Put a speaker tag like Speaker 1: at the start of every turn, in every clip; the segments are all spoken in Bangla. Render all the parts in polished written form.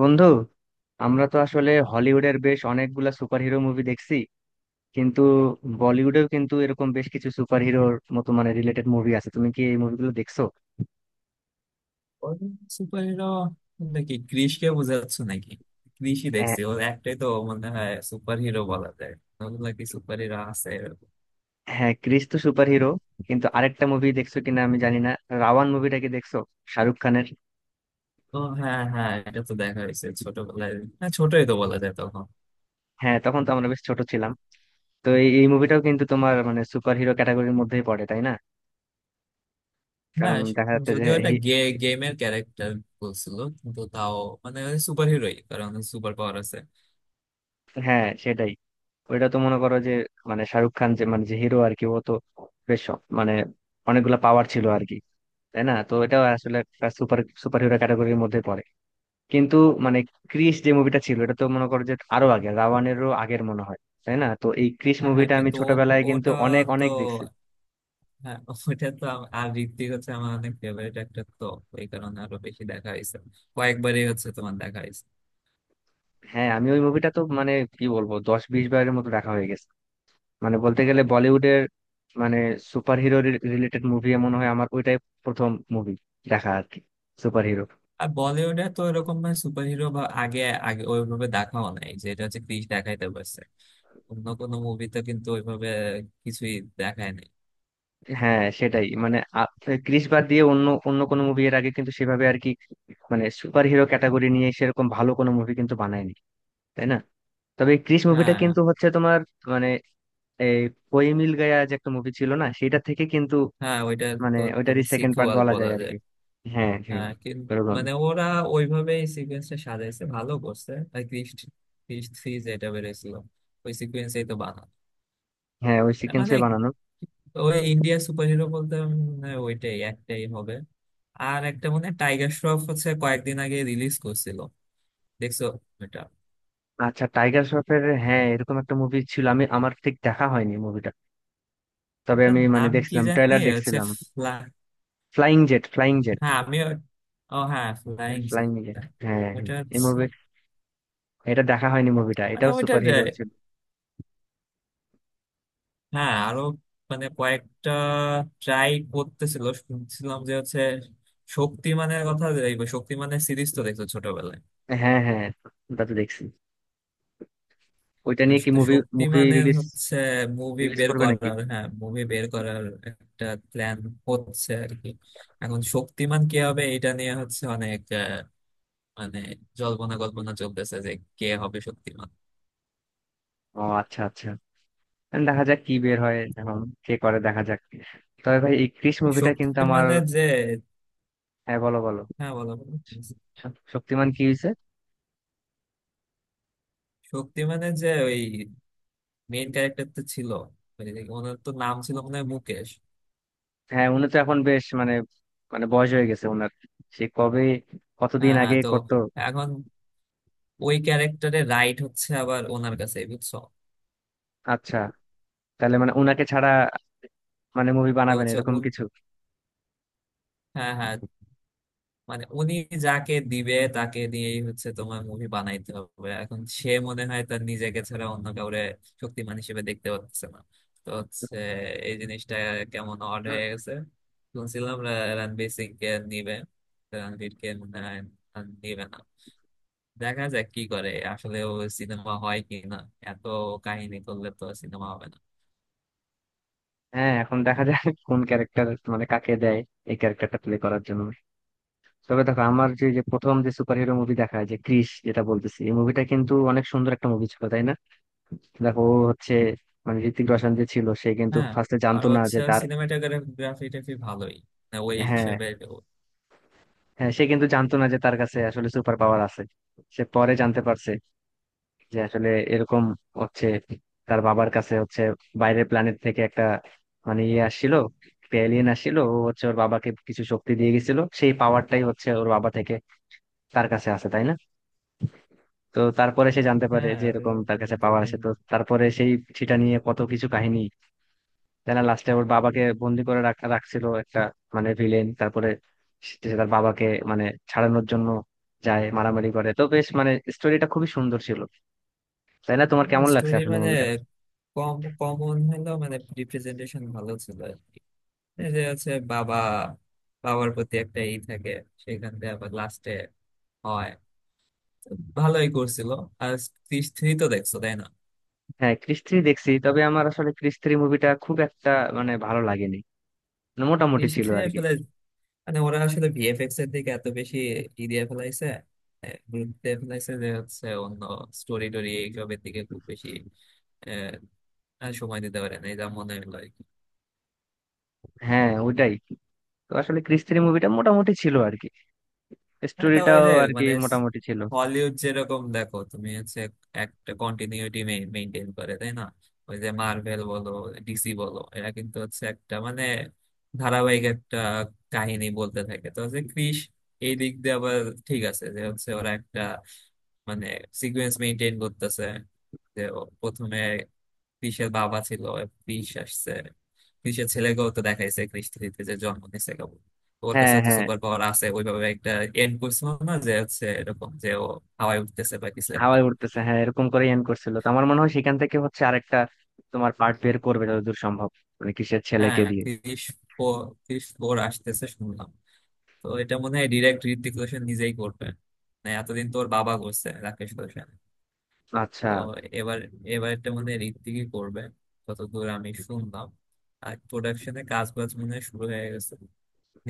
Speaker 1: বন্ধু, আমরা তো আসলে হলিউডের বেশ অনেকগুলা সুপারহিরো মুভি দেখছি। কিন্তু বলিউডেও কিন্তু এরকম বেশ কিছু সুপারহিরোর মতো মানে রিলেটেড মুভি আছে। তুমি কি এই মুভিগুলো দেখছো?
Speaker 2: Super hero? নাকি ক্রিশকে বোঝাচ্ছ নাকি? ক্রিশই
Speaker 1: হ্যাঁ,
Speaker 2: দেখছি। ওর একটাই তো মনে হয় সুপার হিরো বলা যায়। ওগুলা কি সুপার হিরো আছে এরকম?
Speaker 1: হ্যাঁ, ক্রিস তো সুপারহিরো। কিন্তু আরেকটা মুভি দেখছো কিনা আমি জানি না। রাওয়ান মুভিটা কি দেখছো? শাহরুখ খানের।
Speaker 2: ও হ্যাঁ, হ্যাঁ, এটা তো দেখা হয়েছে ছোটবেলায়। হ্যাঁ, ছোটই তো বলা যায় তখন।
Speaker 1: হ্যাঁ, তখন তো আমরা বেশ ছোট ছিলাম। তো এই এই মুভিটাও কিন্তু তোমার মানে সুপারহিরো ক্যাটাগরির মধ্যেই পড়ে, তাই না? কারণ
Speaker 2: হ্যাঁ,
Speaker 1: দেখা যাচ্ছে যে
Speaker 2: যদিও এটা গেমের ক্যারেক্টার বলছিল, কিন্তু তাও মানে সুপার হিরোই, কারণ সুপার পাওয়ার আছে।
Speaker 1: হ্যাঁ সেটাই। ওইটা তো মনে করো যে, মানে শাহরুখ খান যে মানে যে হিরো আর কি, ও তো বেশ মানে অনেকগুলা পাওয়ার ছিল আর কি। তাই না, তো এটাও আসলে একটা সুপার সুপার হিরো ক্যাটাগরির মধ্যে পড়ে। কিন্তু মানে ক্রিস যে মুভিটা ছিল এটা তো মনে করো যে আরো আগে, রাওয়ানেরও আগের মনে হয়, তাই না? তো এই ক্রিস
Speaker 2: হ্যাঁ, হ্যাঁ,
Speaker 1: মুভিটা আমি
Speaker 2: কিন্তু
Speaker 1: ছোটবেলায় কিন্তু
Speaker 2: ওটা
Speaker 1: অনেক
Speaker 2: তো,
Speaker 1: অনেক দেখছি।
Speaker 2: হ্যাঁ, ওটা তো আর ঋত্বিক হচ্ছে আমার অনেক ফেভারিট একটা তো, এই কারণে আরো বেশি দেখা হয়েছে। কয়েকবারই হচ্ছে তোমার দেখা হয়েছে।
Speaker 1: হ্যাঁ, আমি ওই মুভিটা তো মানে কি বলবো, 10-20 বারের মতো দেখা হয়ে গেছে। মানে বলতে গেলে বলিউডের মানে সুপার হিরো রিলেটেড মুভি মনে হয় আমার ওইটাই প্রথম মুভি দেখা আর কি, সুপার হিরো।
Speaker 2: আর বলিউডে তো এরকম ভাবে সুপারহিরো বা আগে, আগে ওইভাবে দেখাও নাই, যেটা হচ্ছে ক্রিস দেখাইতে পারছে। অন্য কোনো মুভিতে কিন্তু ওইভাবে কিছুই দেখায় নাই।
Speaker 1: হ্যাঁ সেটাই মানে ক্রিস বাদ দিয়ে অন্য অন্য কোনো মুভি এর আগে কিন্তু সেভাবে আর কি, মানে সুপার হিরো ক্যাটাগরি নিয়ে সেরকম ভালো কোনো মুভি কিন্তু বানায়নি, তাই না? তবে এই ক্রিস মুভিটা
Speaker 2: হ্যাঁ,
Speaker 1: কিন্তু হচ্ছে তোমার মানে এই কোই মিল গায়া যে একটা মুভি ছিল না, সেটা থেকে কিন্তু
Speaker 2: হ্যাঁ, ওইটা
Speaker 1: মানে
Speaker 2: তো
Speaker 1: ওইটারই
Speaker 2: তোমার
Speaker 1: সেকেন্ড পার্ট
Speaker 2: সিকুয়াল
Speaker 1: বলা
Speaker 2: বলা
Speaker 1: যায় আর
Speaker 2: যায়।
Speaker 1: কি। হ্যাঁ, হ্যাঁ,
Speaker 2: হ্যাঁ, কিন্তু
Speaker 1: এরকম।
Speaker 2: মানে ওরা ওইভাবেই সিকোয়েন্সটা সাজাইছে, ভালো করছে। আর ক্রিস ক্রিস থ্রি যেটা বেরোছিল ওই সিকোয়েন্সেই তো বানানো।
Speaker 1: হ্যাঁ, ওই সিকোয়েন্সে
Speaker 2: মানে
Speaker 1: বানানো।
Speaker 2: ওই ইন্ডিয়া সুপারহিরো বলতে ওইটাই একটাই হবে। আর একটা মানে টাইগার শ্রফ হচ্ছে কয়েকদিন আগে রিলিজ করছিল, দেখছো?
Speaker 1: আচ্ছা, টাইগার শ্রফের হ্যাঁ এরকম একটা মুভি ছিল, আমার ঠিক দেখা হয়নি মুভিটা। তবে
Speaker 2: ওইটার
Speaker 1: আমি মানে
Speaker 2: নাম কি
Speaker 1: দেখছিলাম,
Speaker 2: জানি
Speaker 1: ট্রেলার
Speaker 2: হচ্ছে
Speaker 1: দেখছিলাম।
Speaker 2: ফ্লা-
Speaker 1: ফ্লাইং জেট ফ্লাইং জেট
Speaker 2: হ্যাঁ, আমি ও ও হ্যাঁ, ফ্লাইং।
Speaker 1: Flying jet. হ্যাঁ, হ্যাঁ।
Speaker 2: ওটা
Speaker 1: এই
Speaker 2: হচ্ছে-
Speaker 1: মুভি এটা দেখা হয়নি মুভিটা,
Speaker 2: মানে
Speaker 1: এটাও
Speaker 2: ওইটার
Speaker 1: সুপার হিরো ছিল।
Speaker 2: হ্যাঁ, আরো মানে কয়েকটা ট্রাই করতেছিল শুনছিলাম, যে হচ্ছে শক্তিমানের কথা। দেখবো, শক্তিমানের সিরিজ তো দেখছো ছোটবেলায়?
Speaker 1: হ্যাঁ, হ্যাঁ, ওটা তো দেখছি। ওইটা নিয়ে কি
Speaker 2: আসলে
Speaker 1: মুভি মুভি
Speaker 2: শক্তিমানের
Speaker 1: রিলিজ,
Speaker 2: হচ্ছে মুভি
Speaker 1: রিলিজ
Speaker 2: বের
Speaker 1: করবে নাকি?
Speaker 2: করার, হ্যাঁ, মুভি বের করার একটা প্ল্যান হচ্ছে আর কি। এখন শক্তিমান কে হবে এটা নিয়ে হচ্ছে অনেক মানে জল্পনা কল্পনা চলতেছে যে কে হবে শক্তিমান।
Speaker 1: ও আচ্ছা, আচ্ছা, এখন দেখা যাক কি বের হয় এখন, কে করে দেখা যাক। তবে ভাই এই ক্রিশ মুভিটা কিন্তু আমার।
Speaker 2: শক্তিমানের যে,
Speaker 1: হ্যাঁ, বলো বলো।
Speaker 2: হ্যাঁ, বলো বলো।
Speaker 1: শক্তিমান কি হয়েছে?
Speaker 2: শক্তিমানের যে ওই মেইন ক্যারেক্টারটা ছিল, ওই যে, ওনার তো নাম ছিল মনে হয় মুকেশ।
Speaker 1: হ্যাঁ, উনি তো এখন বেশ মানে মানে বয়স হয়ে গেছে ওনার। সে কবে, কতদিন
Speaker 2: হ্যাঁ, হ্যাঁ,
Speaker 1: আগে
Speaker 2: তো
Speaker 1: করতো।
Speaker 2: এখন ওই ক্যারেক্টারে রাইট হচ্ছে আবার ওনার কাছে, বুঝছো?
Speaker 1: আচ্ছা, তাহলে মানে উনাকে ছাড়া মানে মুভি
Speaker 2: তো
Speaker 1: বানাবেন
Speaker 2: হচ্ছে
Speaker 1: এরকম কিছু?
Speaker 2: হ্যাঁ, হ্যাঁ, মানে উনি যাকে দিবে তাকে দিয়েই হচ্ছে তোমার মুভি বানাইতে হবে। এখন সে মনে হয় তার নিজেকে ছাড়া অন্য কাউরে শক্তিমান হিসেবে দেখতে পাচ্ছে না। তো হচ্ছে এই জিনিসটা কেমন অড হয়ে গেছে। শুনছিলাম রণবীর সিং কে নিবে। তো রণবীর কে মনে হয় আর নিবে না। দেখা যাক কি করে আসলে, ও সিনেমা হয় কি না। এত কাহিনী করলে তো সিনেমা হবে না।
Speaker 1: হ্যাঁ, এখন দেখা যায় কোন ক্যারেক্টার, মানে কাকে দেয় এই ক্যারেক্টারটা প্লে করার জন্য। তবে দেখো আমার যে যে প্রথম যে সুপার হিরো মুভি দেখা হয় যে ক্রিস, যেটা বলতেছি, এই মুভিটা কিন্তু অনেক সুন্দর একটা মুভি ছিল, তাই না? দেখো ও হচ্ছে মানে ঋতিক রোশন যে ছিল, সে কিন্তু
Speaker 2: হ্যাঁ,
Speaker 1: ফার্স্টে
Speaker 2: আর
Speaker 1: জানতো না যে
Speaker 2: হচ্ছে
Speaker 1: তার।
Speaker 2: সিনেমাটোগ্রাফি টাফি ভালোই, না ওই
Speaker 1: হ্যাঁ,
Speaker 2: হিসেবে।
Speaker 1: হ্যাঁ, সে কিন্তু জানতো না যে তার কাছে আসলে সুপার পাওয়ার আছে। সে পরে জানতে পারছে যে আসলে এরকম হচ্ছে, তার বাবার কাছে হচ্ছে বাইরের প্ল্যানেট থেকে একটা মানে ইয়ে আসছিল, এলিয়েন আসছিল। ও হচ্ছে ওর বাবাকে কিছু শক্তি দিয়ে গেছিল, সেই পাওয়ারটাই হচ্ছে ওর বাবা থেকে তার কাছে আসে, তাই না? তো তারপরে সে জানতে পারে
Speaker 2: হ্যাঁ,
Speaker 1: যে
Speaker 2: ওই
Speaker 1: এরকম তার
Speaker 2: রকমই
Speaker 1: কাছে
Speaker 2: তো
Speaker 1: পাওয়ার আছে, তো
Speaker 2: কাহিনী।
Speaker 1: তারপরে সেই সেটা নিয়ে কত কিছু কাহিনী, তাই না। লাস্টে ওর বাবাকে বন্দি করে রাখছিল একটা মানে ভিলেন, তারপরে সে সে তার বাবাকে মানে ছাড়ানোর জন্য যায়, মারামারি করে। তো বেশ মানে স্টোরিটা খুবই সুন্দর ছিল, তাই না? তোমার কেমন লাগছে
Speaker 2: স্টোরি
Speaker 1: আসলে
Speaker 2: মানে
Speaker 1: মুভিটা?
Speaker 2: কম, কমন হলেও মানে রিপ্রেজেন্টেশন ভালো ছিল। এই যে হচ্ছে বাবা, বাবার প্রতি একটা ই থাকে, সেখান থেকে আবার লাস্টে হয়, ভালোই করছিল। আর ক্রিস থ্রি তো দেখছো, তাই না?
Speaker 1: হ্যাঁ, ক্রিস 3 দেখছি, তবে আমার আসলে ক্রিস 3 মুভিটা খুব একটা মানে ভালো লাগেনি, মানে মোটামুটি
Speaker 2: ক্রিস
Speaker 1: ছিল
Speaker 2: থ্রি
Speaker 1: আর কি।
Speaker 2: আসলে মানে ওরা আসলে ভিএফএক্স এর দিকে এত বেশি ই দিয়ে ফেলাইছে, গুরুত্ব দিয়ে ফেলাইছে, যে হচ্ছে অন্য স্টোরি টোরি এইসবের দিকে খুব বেশি আহ, আর সময় দিতে পারে না, এটা মনে হলো।
Speaker 1: হ্যাঁ ওইটাই, তো আসলে ক্রিস 3 মুভিটা মোটামুটি ছিল আর কি,
Speaker 2: হ্যাঁ, তো ওই
Speaker 1: স্টোরিটাও
Speaker 2: যে
Speaker 1: আর কি
Speaker 2: মানে
Speaker 1: মোটামুটি ছিল।
Speaker 2: হলিউড যেরকম দেখো তুমি, হচ্ছে একটা কন্টিনিউটি মেনটেন করে, তাই না? ওই যে মার্ভেল বলো, ডিসি বলো, এরা কিন্তু হচ্ছে একটা মানে ধারাবাহিক একটা কাহিনী বলতে থাকে। তো হচ্ছে ক্রিস এই দিক দিয়ে আবার ঠিক আছে, যে হচ্ছে ওরা একটা মানে সিকুয়েন্স মেনটেন করতেছে, যে ও প্রথমে কৃষের বাবা ছিল, কৃষ আসছে, কৃষের ছেলেকেও তো দেখাইছে কৃষ থ্রিতে, যে জন্ম নিছে কেবল, ওর
Speaker 1: হ্যাঁ,
Speaker 2: কাছে তো
Speaker 1: হ্যাঁ,
Speaker 2: সুপার পাওয়ার আছে, ওইভাবে একটা এন্ড করছিল না, যে হচ্ছে এরকম যে ও হাওয়ায় উঠতেছে বা কিছু একটা।
Speaker 1: হাওয়ায় উঠতেছে, হ্যাঁ এরকম করে এন্ড করছিল। তো আমার মনে হয় সেখান থেকে হচ্ছে আরেকটা তোমার পার্ট বের করবে যতদূর সম্ভব, মানে কিসের
Speaker 2: হ্যাঁ,
Speaker 1: ছেলেকে দিয়ে।
Speaker 2: ফোর কৃষ ফোর আসতেছে শুনলাম। তো এটা মনে হয় ডিরেক্ট ঋত্বিক রোশন নিজেই করবে। মানে এতদিন তোর বাবা করছে, রাকেশ রোশন।
Speaker 1: আচ্ছা,
Speaker 2: তো এবার এবার এটা মনে হয় ঋত্বিকই করবে, যতদূর আমি শুনলাম। আর প্রোডাকশনে কাজ বাজ মনে হয় শুরু হয়ে গেছে।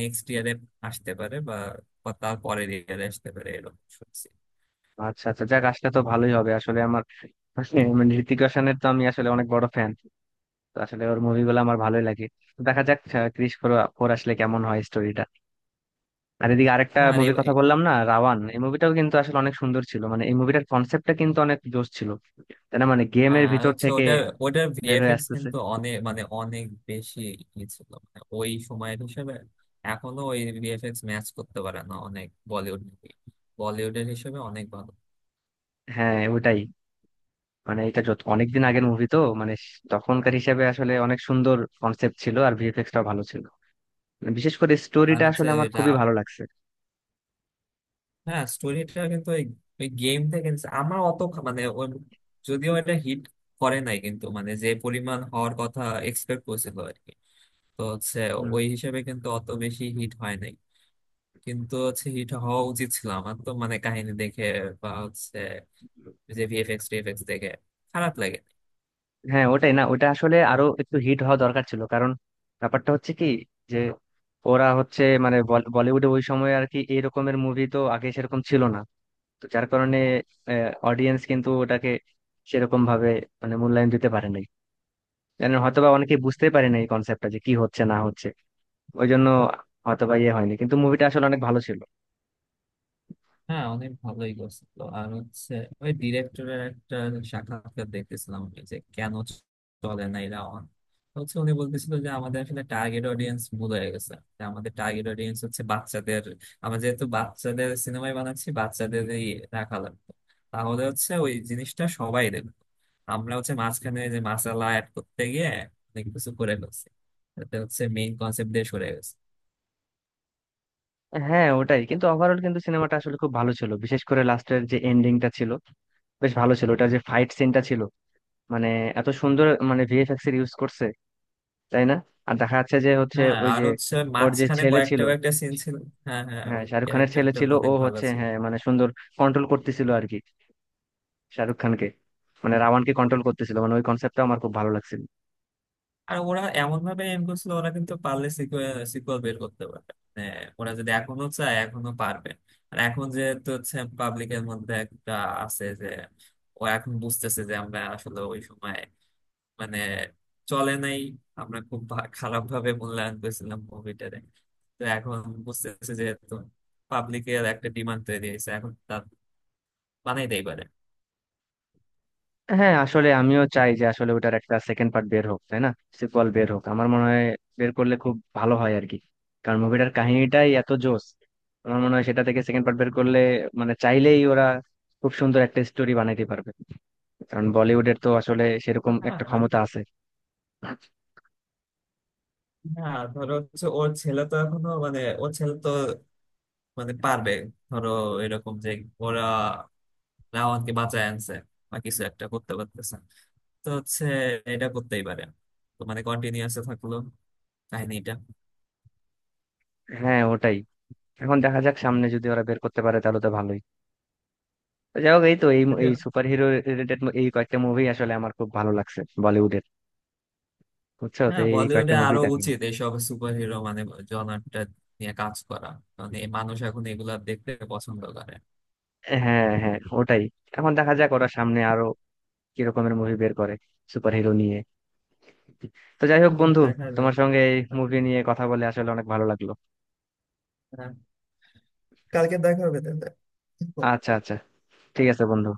Speaker 2: নেক্সট ইয়ারে আসতে পারে বা তার পরের ইয়ারে আসতে পারে, এরকম শুনছি।
Speaker 1: আচ্ছা, আচ্ছা, যাক আসলে তো ভালোই হবে আসলে। আমার মানে ঋতিক রোশনের তো আমি আসলে অনেক বড় ফ্যান, তো আসলে ওর মুভিগুলো আমার ভালোই লাগে। তো দেখা যাক ক্রিশ ফোর ফোর আসলে কেমন হয় স্টোরিটা। আর এদিকে আরেকটা
Speaker 2: হ্যাঁ, আর
Speaker 1: মুভির কথা বললাম না, রাওয়ান, এই মুভিটাও কিন্তু আসলে অনেক সুন্দর ছিল। মানে এই মুভিটার কনসেপ্টটা কিন্তু অনেক জোশ ছিল, তাই না? মানে
Speaker 2: হ্যাঁ,
Speaker 1: গেমের
Speaker 2: আর
Speaker 1: ভিতর
Speaker 2: হচ্ছে
Speaker 1: থেকে
Speaker 2: ওটার ওটার
Speaker 1: বের হয়ে
Speaker 2: ভিএফএক্স
Speaker 1: আসতেছে।
Speaker 2: কিন্তু অনেক মানে অনেক বেশি ই ছিল মানে ওই সময়ের হিসেবে। এখনো ওই ভিএফএক্স ম্যাচ করতে পারে না অনেক বলিউড মুভি। বলিউডের হিসেবে অনেক ভালো।
Speaker 1: হ্যাঁ, ওটাই মানে এটা যত অনেকদিন আগের মুভি, তো মানে তখনকার হিসাবে আসলে অনেক সুন্দর কনসেপ্ট ছিল, আর ভিএফএক্স টাও ভালো ছিল। মানে বিশেষ করে
Speaker 2: আর
Speaker 1: স্টোরিটা
Speaker 2: হচ্ছে
Speaker 1: আসলে আমার
Speaker 2: এটা,
Speaker 1: খুবই ভালো লাগছে।
Speaker 2: হ্যাঁ, স্টোরিটা কিন্তু ওই ওই গেম থেকে নিছে। আমার অত মানে ওই, যদিও এটা হিট করে নাই, কিন্তু মানে যে পরিমাণ হওয়ার কথা এক্সপেক্ট করছিল, তো হচ্ছে ওই হিসেবে কিন্তু অত বেশি হিট হয় নাই। কিন্তু হচ্ছে হিট হওয়া উচিত ছিল আমার তো, মানে কাহিনী দেখে বা হচ্ছে যে ভিএফএক্স টিএফএক্স দেখে খারাপ লাগে।
Speaker 1: হ্যাঁ, ওটাই না, ওটা আসলে আরো একটু হিট হওয়া দরকার ছিল। কারণ ব্যাপারটা হচ্ছে কি, যে ওরা হচ্ছে মানে বলিউডে ওই সময় আর কি এরকমের মুভি তো আগে সেরকম ছিল না। তো যার কারণে অডিয়েন্স কিন্তু ওটাকে সেরকম ভাবে মানে মূল্যায়ন দিতে পারে নাই। জানেন হয়তোবা অনেকে বুঝতে পারে না এই কনসেপ্টটা যে কি হচ্ছে না হচ্ছে। ওই জন্য হয়তোবা ইয়ে হয়নি, কিন্তু মুভিটা আসলে অনেক ভালো ছিল।
Speaker 2: হ্যাঁ, অনেক ভালোই করছিল। আর হচ্ছে ওই ডিরেক্টরের একটা সাক্ষাৎকার দেখতেছিলাম আমি, যে কেন চলে না এরা on? তো হচ্ছে উনি বলতেছিল যে আমাদের আসলে টার্গেট অডিয়েন্স ভুল হয়ে গেছে, যে আমাদের টার্গেট অডিয়েন্স হচ্ছে বাচ্চাদের। আমরা যেহেতু বাচ্চাদের সিনেমায় বানাচ্ছি, বাচ্চাদেরই রাখা লাগতো, তাহলে হচ্ছে ওই জিনিসটা সবাই দেখবে। আমরা হচ্ছে মাঝখানে যে মাসালা অ্যাড করতে গিয়ে অনেক কিছু করে ফেলছি, তাতে হচ্ছে মেইন কনসেপ্ট দিয়ে সরে গেছে।
Speaker 1: হ্যাঁ ওটাই, কিন্তু ওভারঅল কিন্তু সিনেমাটা আসলে খুব ভালো ছিল। বিশেষ করে লাস্টের যে এন্ডিংটা ছিল বেশ ভালো ছিল, ওটা যে ফাইট সিনটা ছিল মানে এত সুন্দর মানে ভিএফএক্স এর ইউজ করছে, তাই না? আর দেখা যাচ্ছে যে হচ্ছে
Speaker 2: হ্যাঁ,
Speaker 1: ওই
Speaker 2: আর
Speaker 1: যে
Speaker 2: হচ্ছে
Speaker 1: ওর যে
Speaker 2: মাঝখানে
Speaker 1: ছেলে
Speaker 2: কয়েকটা
Speaker 1: ছিল।
Speaker 2: কয়েকটা সিন ছিল। হ্যাঁ, হ্যাঁ,
Speaker 1: হ্যাঁ,
Speaker 2: ওর
Speaker 1: শাহরুখ খানের ছেলে
Speaker 2: ক্যারেক্টারটা
Speaker 1: ছিল, ও
Speaker 2: অনেক ভালো
Speaker 1: হচ্ছে
Speaker 2: ছিল।
Speaker 1: হ্যাঁ মানে সুন্দর কন্ট্রোল করতেছিল আর কি, শাহরুখ খানকে মানে রাওয়ানকে কন্ট্রোল করতেছিল। মানে ওই কনসেপ্টটা আমার খুব ভালো লাগছিল।
Speaker 2: আর ওরা এমন ভাবে এম করছিল, ওরা কিন্তু পারলে সিকুয়েল বের করতে পারবে। মানে ওরা যদি এখনো চায়, এখনো পারবে। আর এখন যেহেতু হচ্ছে পাবলিকের মধ্যে একটা আছে, যে ও এখন বুঝতেছে যে আমরা আসলে ওই সময় মানে চলে নাই, আমরা খুব খারাপ ভাবে মূল্যায়ন করেছিলাম মুভিটারে। তো এখন বুঝতেছে যেহেতু পাবলিকের একটা ডিমান্ড তৈরি হয়েছে, এখন বানাইতেই পারে।
Speaker 1: হ্যাঁ, আসলে আমিও চাই যে আসলে ওটার একটা সেকেন্ড পার্ট বের হোক, তাই না। সিকুয়াল বের হোক, আমার মনে হয় বের করলে খুব ভালো হয় আর কি। কারণ মুভিটার কাহিনীটাই এত জোস, আমার মনে হয় সেটা থেকে সেকেন্ড পার্ট বের করলে মানে চাইলেই ওরা খুব সুন্দর একটা স্টোরি বানাইতে পারবে। কারণ বলিউডের তো আসলে সেরকম একটা
Speaker 2: আর
Speaker 1: ক্ষমতা আছে।
Speaker 2: না, ধরো হচ্ছে ওর ছেলে তো এখনো মানে ওর ছেলে তো মানে পারবে। ধরো এরকম যে ওরা রাওয়ানকে বাঁচায় আনছে বা কিছু একটা করতে পারতেছে, তো হচ্ছে এটা করতেই পারে, তো মানে কন্টিনিউয়াস থাকলো কাহিনীটা।
Speaker 1: হ্যাঁ ওটাই, এখন দেখা যাক সামনে যদি ওরা বের করতে পারে তাহলে তো ভালোই। তো যাই হোক এই তো এই এই সুপার হিরো রিলেটেড এই কয়েকটা মুভি আসলে আমার খুব ভালো লাগছে বলিউডের। বুঝছো, তো
Speaker 2: হ্যাঁ,
Speaker 1: এই কয়েকটা
Speaker 2: বলিউডে
Speaker 1: মুভি
Speaker 2: আরো
Speaker 1: দেখা।
Speaker 2: উচিত এইসব সুপার হিরো মানে জনারটা নিয়ে কাজ করা। মানে এই মানুষ এখন এগুলা দেখতে পছন্দ করে।
Speaker 1: হ্যাঁ, হ্যাঁ, ওটাই, এখন দেখা যাক ওরা সামনে আরো কি রকমের মুভি বের করে সুপার হিরো নিয়ে। তো যাই হোক
Speaker 2: হুম,
Speaker 1: বন্ধু,
Speaker 2: দেখা যাবে।
Speaker 1: তোমার সঙ্গে এই মুভি নিয়ে কথা বলে আসলে অনেক ভালো লাগলো।
Speaker 2: হ্যাঁ, কালকে দেখা হবে তাহলে।
Speaker 1: আচ্ছা, আচ্ছা, ঠিক আছে বন্ধু।